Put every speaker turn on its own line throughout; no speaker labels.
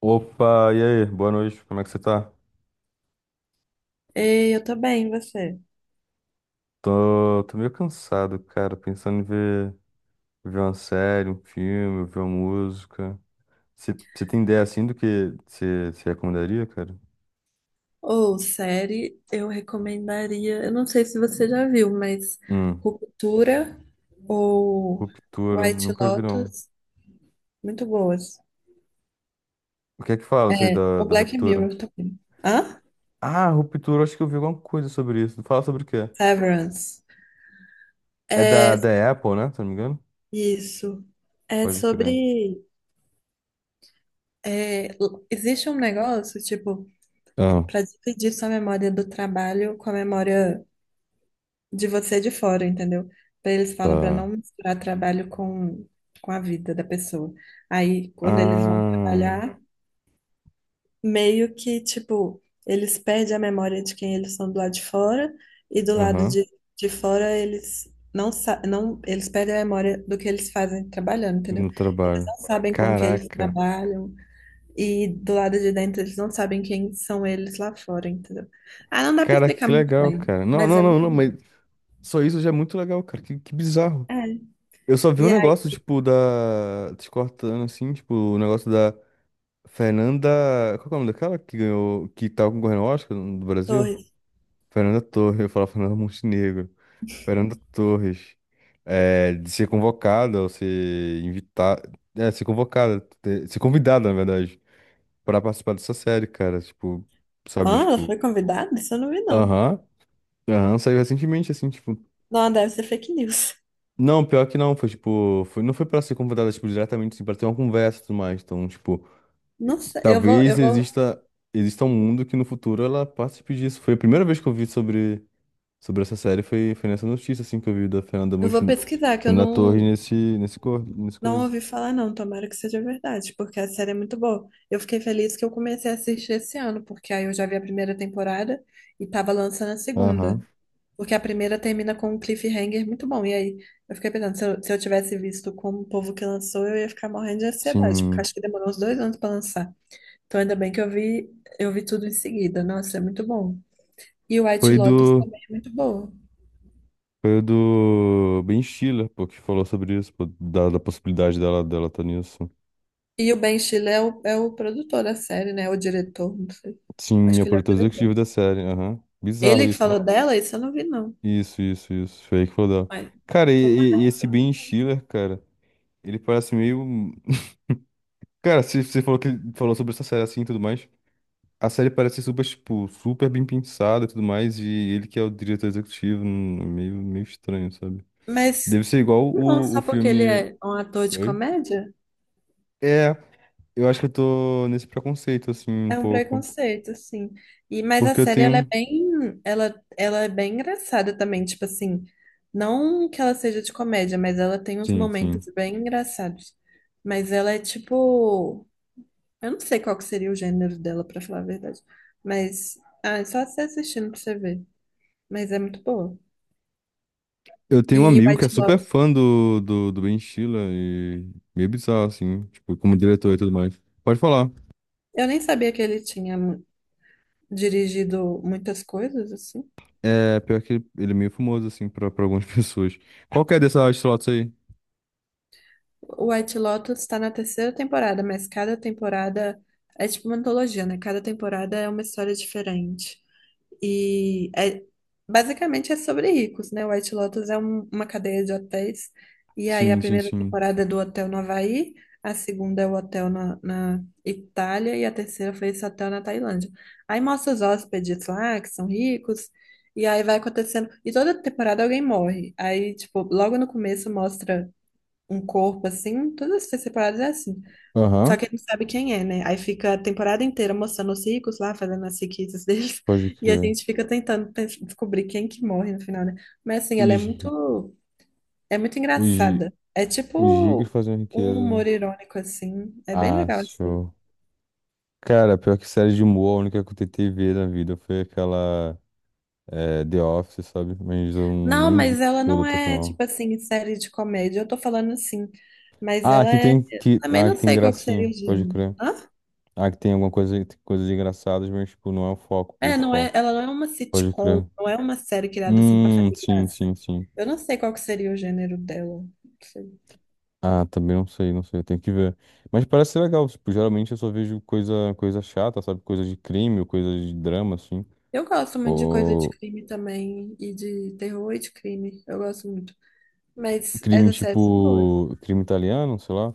Opa, e aí? Boa noite, como é que você tá?
Ei, eu tô bem, e você?
Tô meio cansado, cara, pensando em ver uma série, um filme, ver uma música. Você tem ideia assim do que você recomendaria, cara?
Ou série, eu recomendaria, eu não sei se você já viu, mas
Hum,
Ruptura ou
Ruptura,
White
nunca vi não.
Lotus, muito boas.
O que é que fala isso aí
O
da
Black
Ruptura?
Mirror também. Hã?
Ah, Ruptura, acho que eu vi alguma coisa sobre isso. Fala sobre o quê?
Severance.
É
É
da Apple, né? Se não me engano?
isso. É
Pode crer.
sobre. Existe um negócio, tipo,
Ah,
para dividir sua memória do trabalho com a memória de você de fora, entendeu? Eles falam para não
tá.
misturar trabalho com a vida da pessoa. Aí, quando eles vão
Ah,
trabalhar, meio que, tipo, eles perdem a memória de quem eles são do lado de fora e do lado
aham,
de fora eles não, eles perdem a memória do que eles fazem trabalhando, entendeu?
no
Eles
trabalho.
não sabem com o que eles
Caraca.
trabalham e do lado de dentro eles não sabem quem são eles lá fora, entendeu? Ah, não dá pra
Cara,
explicar
que
muito
legal,
bem,
cara. Não,
mas é
não, não,
muito
não, mas
bom.
só isso já é muito legal, cara. Que bizarro.
É.
Eu só vi um
E aí,
negócio, tipo, da. Te cortando assim, tipo, o negócio da Fernanda. Qual que é o nome daquela que ganhou? Que tava concorrendo ao Oscar do Brasil?
Torres.
Fernanda Torres, eu falava Fernanda Montenegro. Fernanda Torres. É, de ser convocada ou ser invitada. É, ser convocada, ser convidada, na verdade, pra participar dessa série, cara. Tipo, sabe,
Ah, ela
tipo.
foi convidada? Isso eu não vi, não.
Aham. Aham, saiu recentemente, assim, tipo.
Não, deve ser fake news.
Não, pior que não, foi tipo, foi, não foi pra ser convidada, tipo, diretamente, assim, pra ter uma conversa e tudo mais. Então, tipo, e-
Não sei,
talvez exista um mundo que no futuro ela participe disso. Foi a primeira vez que eu vi sobre essa série, foi nessa notícia, assim, que eu vi da Fernanda,
eu vou pesquisar, que eu
Fernanda Torres
não,
nesse
não
coisa.
ouvi falar, não. Tomara que seja verdade, porque a série é muito boa. Eu fiquei feliz que eu comecei a assistir esse ano, porque aí eu já vi a primeira temporada e tava lançando a
Aham,
segunda. Porque a primeira termina com um cliffhanger muito bom. E aí eu fiquei pensando, se eu tivesse visto como o povo que lançou, eu ia ficar morrendo de ansiedade, porque eu
sim.
acho que demorou uns dois anos pra lançar. Então ainda bem que eu vi tudo em seguida. Nossa, é muito bom. E o White
Foi
Lotus também é muito boa.
foi do Ben Stiller, pô, que falou sobre isso, pô, da possibilidade dela tá nisso.
E o Ben Stiller é é o produtor da série, né? O diretor, não sei.
Sim,
Acho
é o
que ele é o
produtor
diretor.
executivo da série, aham. Bizarro
Ele que
isso, né?
falou dela, isso eu não vi, não.
Isso, isso, isso. Foi aí que falou dela.
Mas,
Cara, e
tomara.
esse Ben Stiller, cara, ele parece meio. Cara, se você falou que falou sobre essa série assim e tudo mais. A série parece super, tipo, super bem pensada e tudo mais. E ele que é o diretor executivo, é meio estranho, sabe?
Mas,
Deve ser igual
não,
o
só porque ele
filme.
é um ator de
Oi?
comédia,
É, eu acho que eu tô nesse preconceito, assim, um
é um
pouco.
preconceito, assim. E, mas a
Porque eu
série,
tenho.
ela é bem engraçada também, tipo assim, não que ela seja de comédia, mas ela tem uns
Sim,
momentos
sim.
bem engraçados. Mas ela é tipo. Eu não sei qual que seria o gênero dela, pra falar a verdade. Mas, ah, é só você assistindo pra você ver. Mas é muito boa.
Eu tenho um
E
amigo que é
White
super
Lotus,
fã do Ben Stiller e meio bizarro, assim, tipo, como diretor e tudo mais. Pode falar.
eu nem sabia que ele tinha dirigido muitas coisas, assim.
É, pior que ele é meio famoso, assim, pra algumas pessoas. Qual que é dessa slots aí?
O White Lotus tá na terceira temporada, mas cada temporada é tipo uma antologia, né? Cada temporada é uma história diferente. E é- Basicamente é sobre ricos, né? White Lotus é uma cadeia de hotéis. E aí a
Sim, sim,
primeira
sim.
temporada é do hotel no Havaí, a segunda é o hotel na Itália e a terceira foi esse hotel na Tailândia. Aí mostra os hóspedes lá que são ricos. E aí vai acontecendo. E toda temporada alguém morre. Aí, tipo, logo no começo mostra um corpo assim. Todas as temporadas é assim. Só
Aham,
que ele não sabe quem é, né? Aí fica a temporada inteira mostrando os ricos lá, fazendo as riquezas deles,
pode
e a
crer.
gente fica tentando descobrir quem que morre no final, né? Mas assim,
Os,
é muito
os,
engraçada. É
os ricos
tipo
fazem
um
riqueza, né?
humor irônico, assim. É bem
Ah,
legal, assim.
show. Cara, pior que série de humor, a única que eu tentei ver na vida foi aquela The Office, sabe? Mas eu
Não,
nem vi
mas ela
toda
não
até o
é,
final.
tipo assim, série de comédia. Eu tô falando assim, mas
Ah,
ela
aqui
é.
tem,
Eu também não
tem
sei qual que seria
gracinha,
o
pode
gênero.
crer.
Hã?
Ah, que tem alguma coisa, coisas engraçadas, mas, tipo, não é o foco
É, não é,
principal.
ela não é uma
Pode
sitcom,
crer.
não é uma série criada assim pra fazer
Sim,
graça.
sim, sim.
Eu não sei qual que seria o gênero dela. Não sei.
Ah, também não sei, não sei, tem que ver. Mas parece ser legal, tipo, geralmente eu só vejo coisa chata, sabe? Coisa de crime ou coisa de drama, assim.
Eu gosto muito de coisa de
Ou
crime também, e de terror e de crime. Eu gosto muito. Mas
crime,
essas séries são boas.
tipo, crime italiano, sei lá.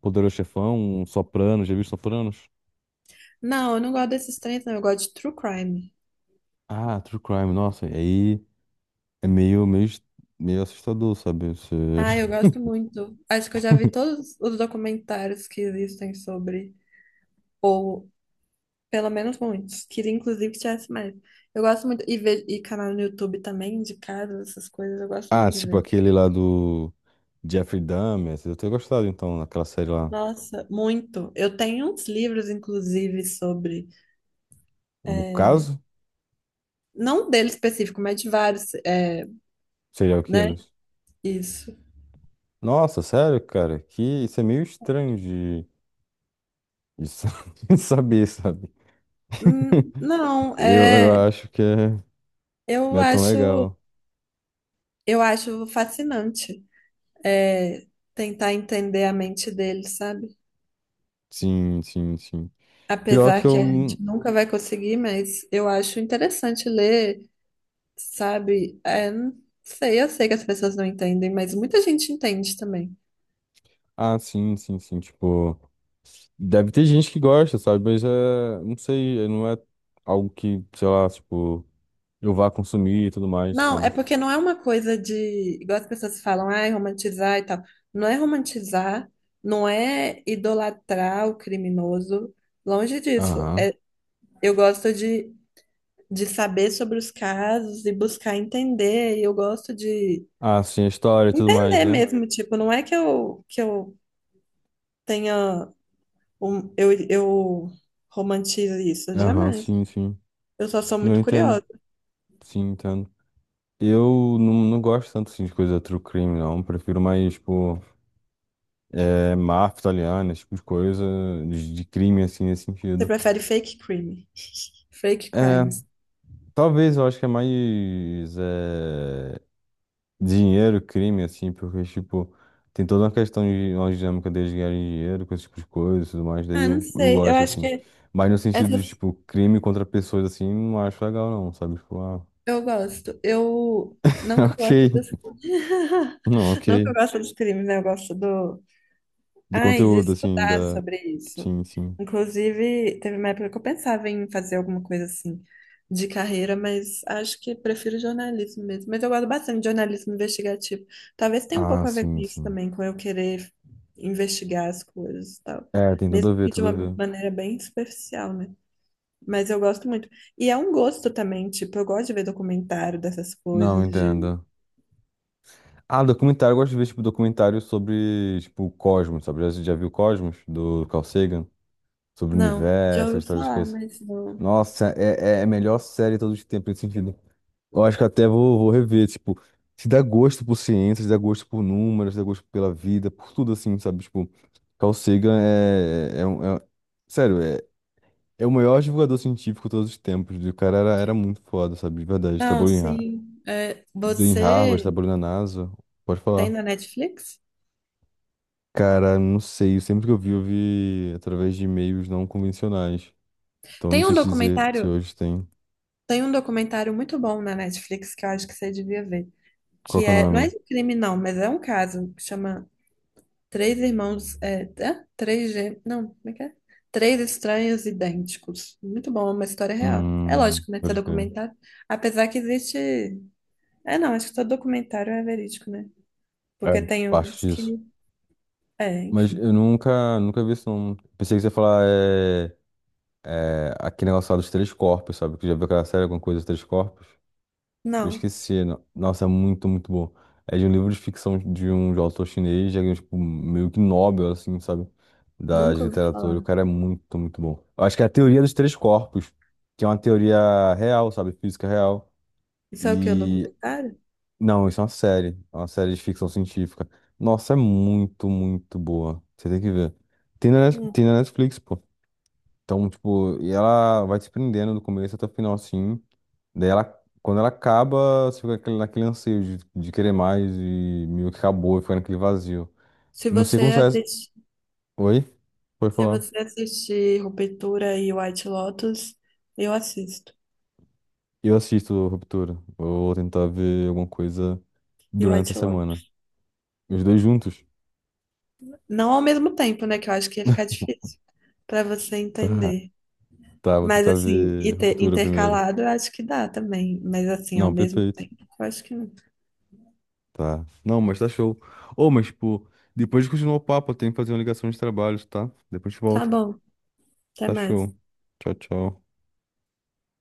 Poderoso Chefão, um Sopranos, já viu Sopranos?
Não, eu não gosto desses três, não. Eu gosto de true crime.
Ah, True Crime, nossa, e aí é meio assustador, sabe?
Ah, eu gosto muito. Acho que eu já vi todos os documentários que existem sobre, ou pelo menos muitos. Queria inclusive que tivesse mais. Eu gosto muito, e, e canal no YouTube também, de casa, essas coisas, eu gosto
Ah,
muito de
tipo
ver.
aquele lá do Jeffrey Dahmer. Eu tenho gostado, então, daquela série lá.
Nossa, muito. Eu tenho uns livros, inclusive, sobre.
O caso?
Não dele específico, mas de vários, é,
Serial
né?
Killers.
Isso.
Nossa, sério, cara? Que isso é meio estranho de de saber, sabe?
Não,
Eu
é,
acho que é... não
eu
é tão
acho,
legal.
eu acho fascinante, é, tentar entender a mente dele, sabe?
Sim, sim, sim. Pior que
Apesar que a
eu...
gente nunca vai conseguir, mas eu acho interessante ler, sabe? É, não sei, eu sei que as pessoas não entendem, mas muita gente entende também.
Ah, sim, sim, sim. Tipo, deve ter gente que gosta, sabe? Mas é... Não sei, não é algo que, sei lá, tipo, eu vá consumir e tudo mais,
Não,
sabe?
é porque não é uma coisa de, igual as pessoas falam, ai, romantizar e tal. Não é romantizar, não é idolatrar o criminoso, longe disso.
Aham.
É, eu gosto de saber sobre os casos e buscar entender, e eu gosto de
Ah, sim, a história e tudo mais,
entender
né?
mesmo, tipo, não é que eu tenha, eu romantizo isso,
Aham,
jamais.
sim, sim.
Eu só sou
Eu
muito
entendo.
curiosa.
Sim, entendo. Eu não, não gosto tanto assim, de coisa true crime, não. Prefiro mais, tipo, é, máfia italiana, esse tipo de coisa, de crime, assim, nesse
Você
sentido.
prefere fake crime? Fake
É,
crimes.
talvez eu acho que é mais dinheiro, crime, assim, porque, tipo, tem toda uma questão de uma dinâmica deles ganharem dinheiro com esse tipo de coisa e tudo mais, daí
Ah, não
eu
sei. Eu
gosto,
acho
assim.
que
Mas no sentido de,
essas
tipo, crime contra pessoas, assim, não acho legal, não, sabe? Tipo, ah,
eu gosto. Eu não que eu goste dos
ok. Não, ok.
não que eu gosto dos crimes, né? Eu gosto do.
Do
Ai, de
conteúdo, assim,
estudar
da.
sobre isso.
Sim, sim.
Inclusive, teve uma época que eu pensava em fazer alguma coisa assim de carreira, mas acho que prefiro jornalismo mesmo. Mas eu gosto bastante de jornalismo investigativo. Talvez tenha um
Ah,
pouco a ver com
sim,
isso
sim.
também, com eu querer investigar as coisas e tal.
É, tem tudo a
Mesmo
ver,
que de
tudo a
uma
ver.
maneira bem superficial, né? Mas eu gosto muito. E é um gosto também, tipo, eu gosto de ver documentário dessas
Não,
coisas, de...
entendo. Ah, documentário, eu gosto de ver, tipo, documentário sobre, tipo, o Cosmos, sabe? Já viu Cosmos, do Carl Sagan? Sobre o
Não, já
universo, a
ouvi
história das
falar,
coisas.
mas não.
Nossa, é a melhor série de todos os tempos nesse sentido. Eu acho que até vou rever, tipo, se dá gosto por ciência, se dá gosto por números, se dá gosto pela vida, por tudo assim, sabe? Tipo, Carl Sagan um, Sério, é, É o maior divulgador científico de todos os tempos. E o cara era muito foda, sabe? De verdade.
Não,
Trabalhou
sim. É,
em Harvard,
você.
trabalhou na NASA. Pode
Tem
falar.
na Netflix?
Cara, não sei. Sempre que eu vi através de e-mails não convencionais. Então, não
Tem um
sei te dizer se
documentário,
hoje tem.
tem um documentário muito bom na Netflix que eu acho que você devia ver,
Qual
que
que é o
é, não é
nome?
de crime não, mas é um caso que chama Três Irmãos, é, é? Não, como é que é? Três Estranhos Idênticos. Muito bom, é uma história real. É lógico, né, que é
Pode crer.
documentário, apesar que existe, não, acho que todo documentário é verídico, né? Porque
É,
tem uns
acho disso.
que, é,
Mas
enfim.
eu nunca vi isso, não. Pensei que você ia falar aquele negócio lá dos três corpos, sabe? Que já viu aquela série, alguma coisa dos três corpos? Eu
Não,
esqueci. Nossa, é muito bom. É de um livro de ficção de um autor chinês, já ganhou, tipo, meio que Nobel, assim, sabe? Da de
nunca ouvi
literatura. O
falar.
cara é muito bom. Eu acho que é a teoria dos três corpos, que é uma teoria real, sabe? Física real.
Isso é o que, um
E.
documentário?
Não, isso é uma série. É uma série de ficção científica. Nossa, é muito boa. Você tem que ver.
Hum.
Tem na Netflix, pô. Então, tipo, e ela vai te prendendo do começo até o final, assim. Daí ela, quando ela acaba, você fica naquele anseio de querer mais e meio que acabou e fica naquele vazio.
Se
Não sei
você
como sai.
assiste
Oi? Pode
Se
falar.
você assistir Ruptura e White Lotus, eu assisto.
Eu assisto Ruptura. Eu vou tentar ver alguma coisa
E
durante
White
a semana.
Lotus.
Os dois juntos?
Não ao mesmo tempo, né? Que eu acho que ia ficar difícil pra você
Tá.
entender.
Tá, vou
Mas
tentar
assim, e
ver
ter
Ruptura primeiro.
intercalado, eu acho que dá também. Mas assim, ao
Não,
mesmo
perfeito.
tempo, eu acho que não.
Tá. Não, mas tá show. Ô, mas, tipo, depois de continuar o papo, eu tenho que fazer uma ligação de trabalhos, tá? Depois a gente
Tá
volta.
bom, até
Tá
mais.
show. Tchau, tchau.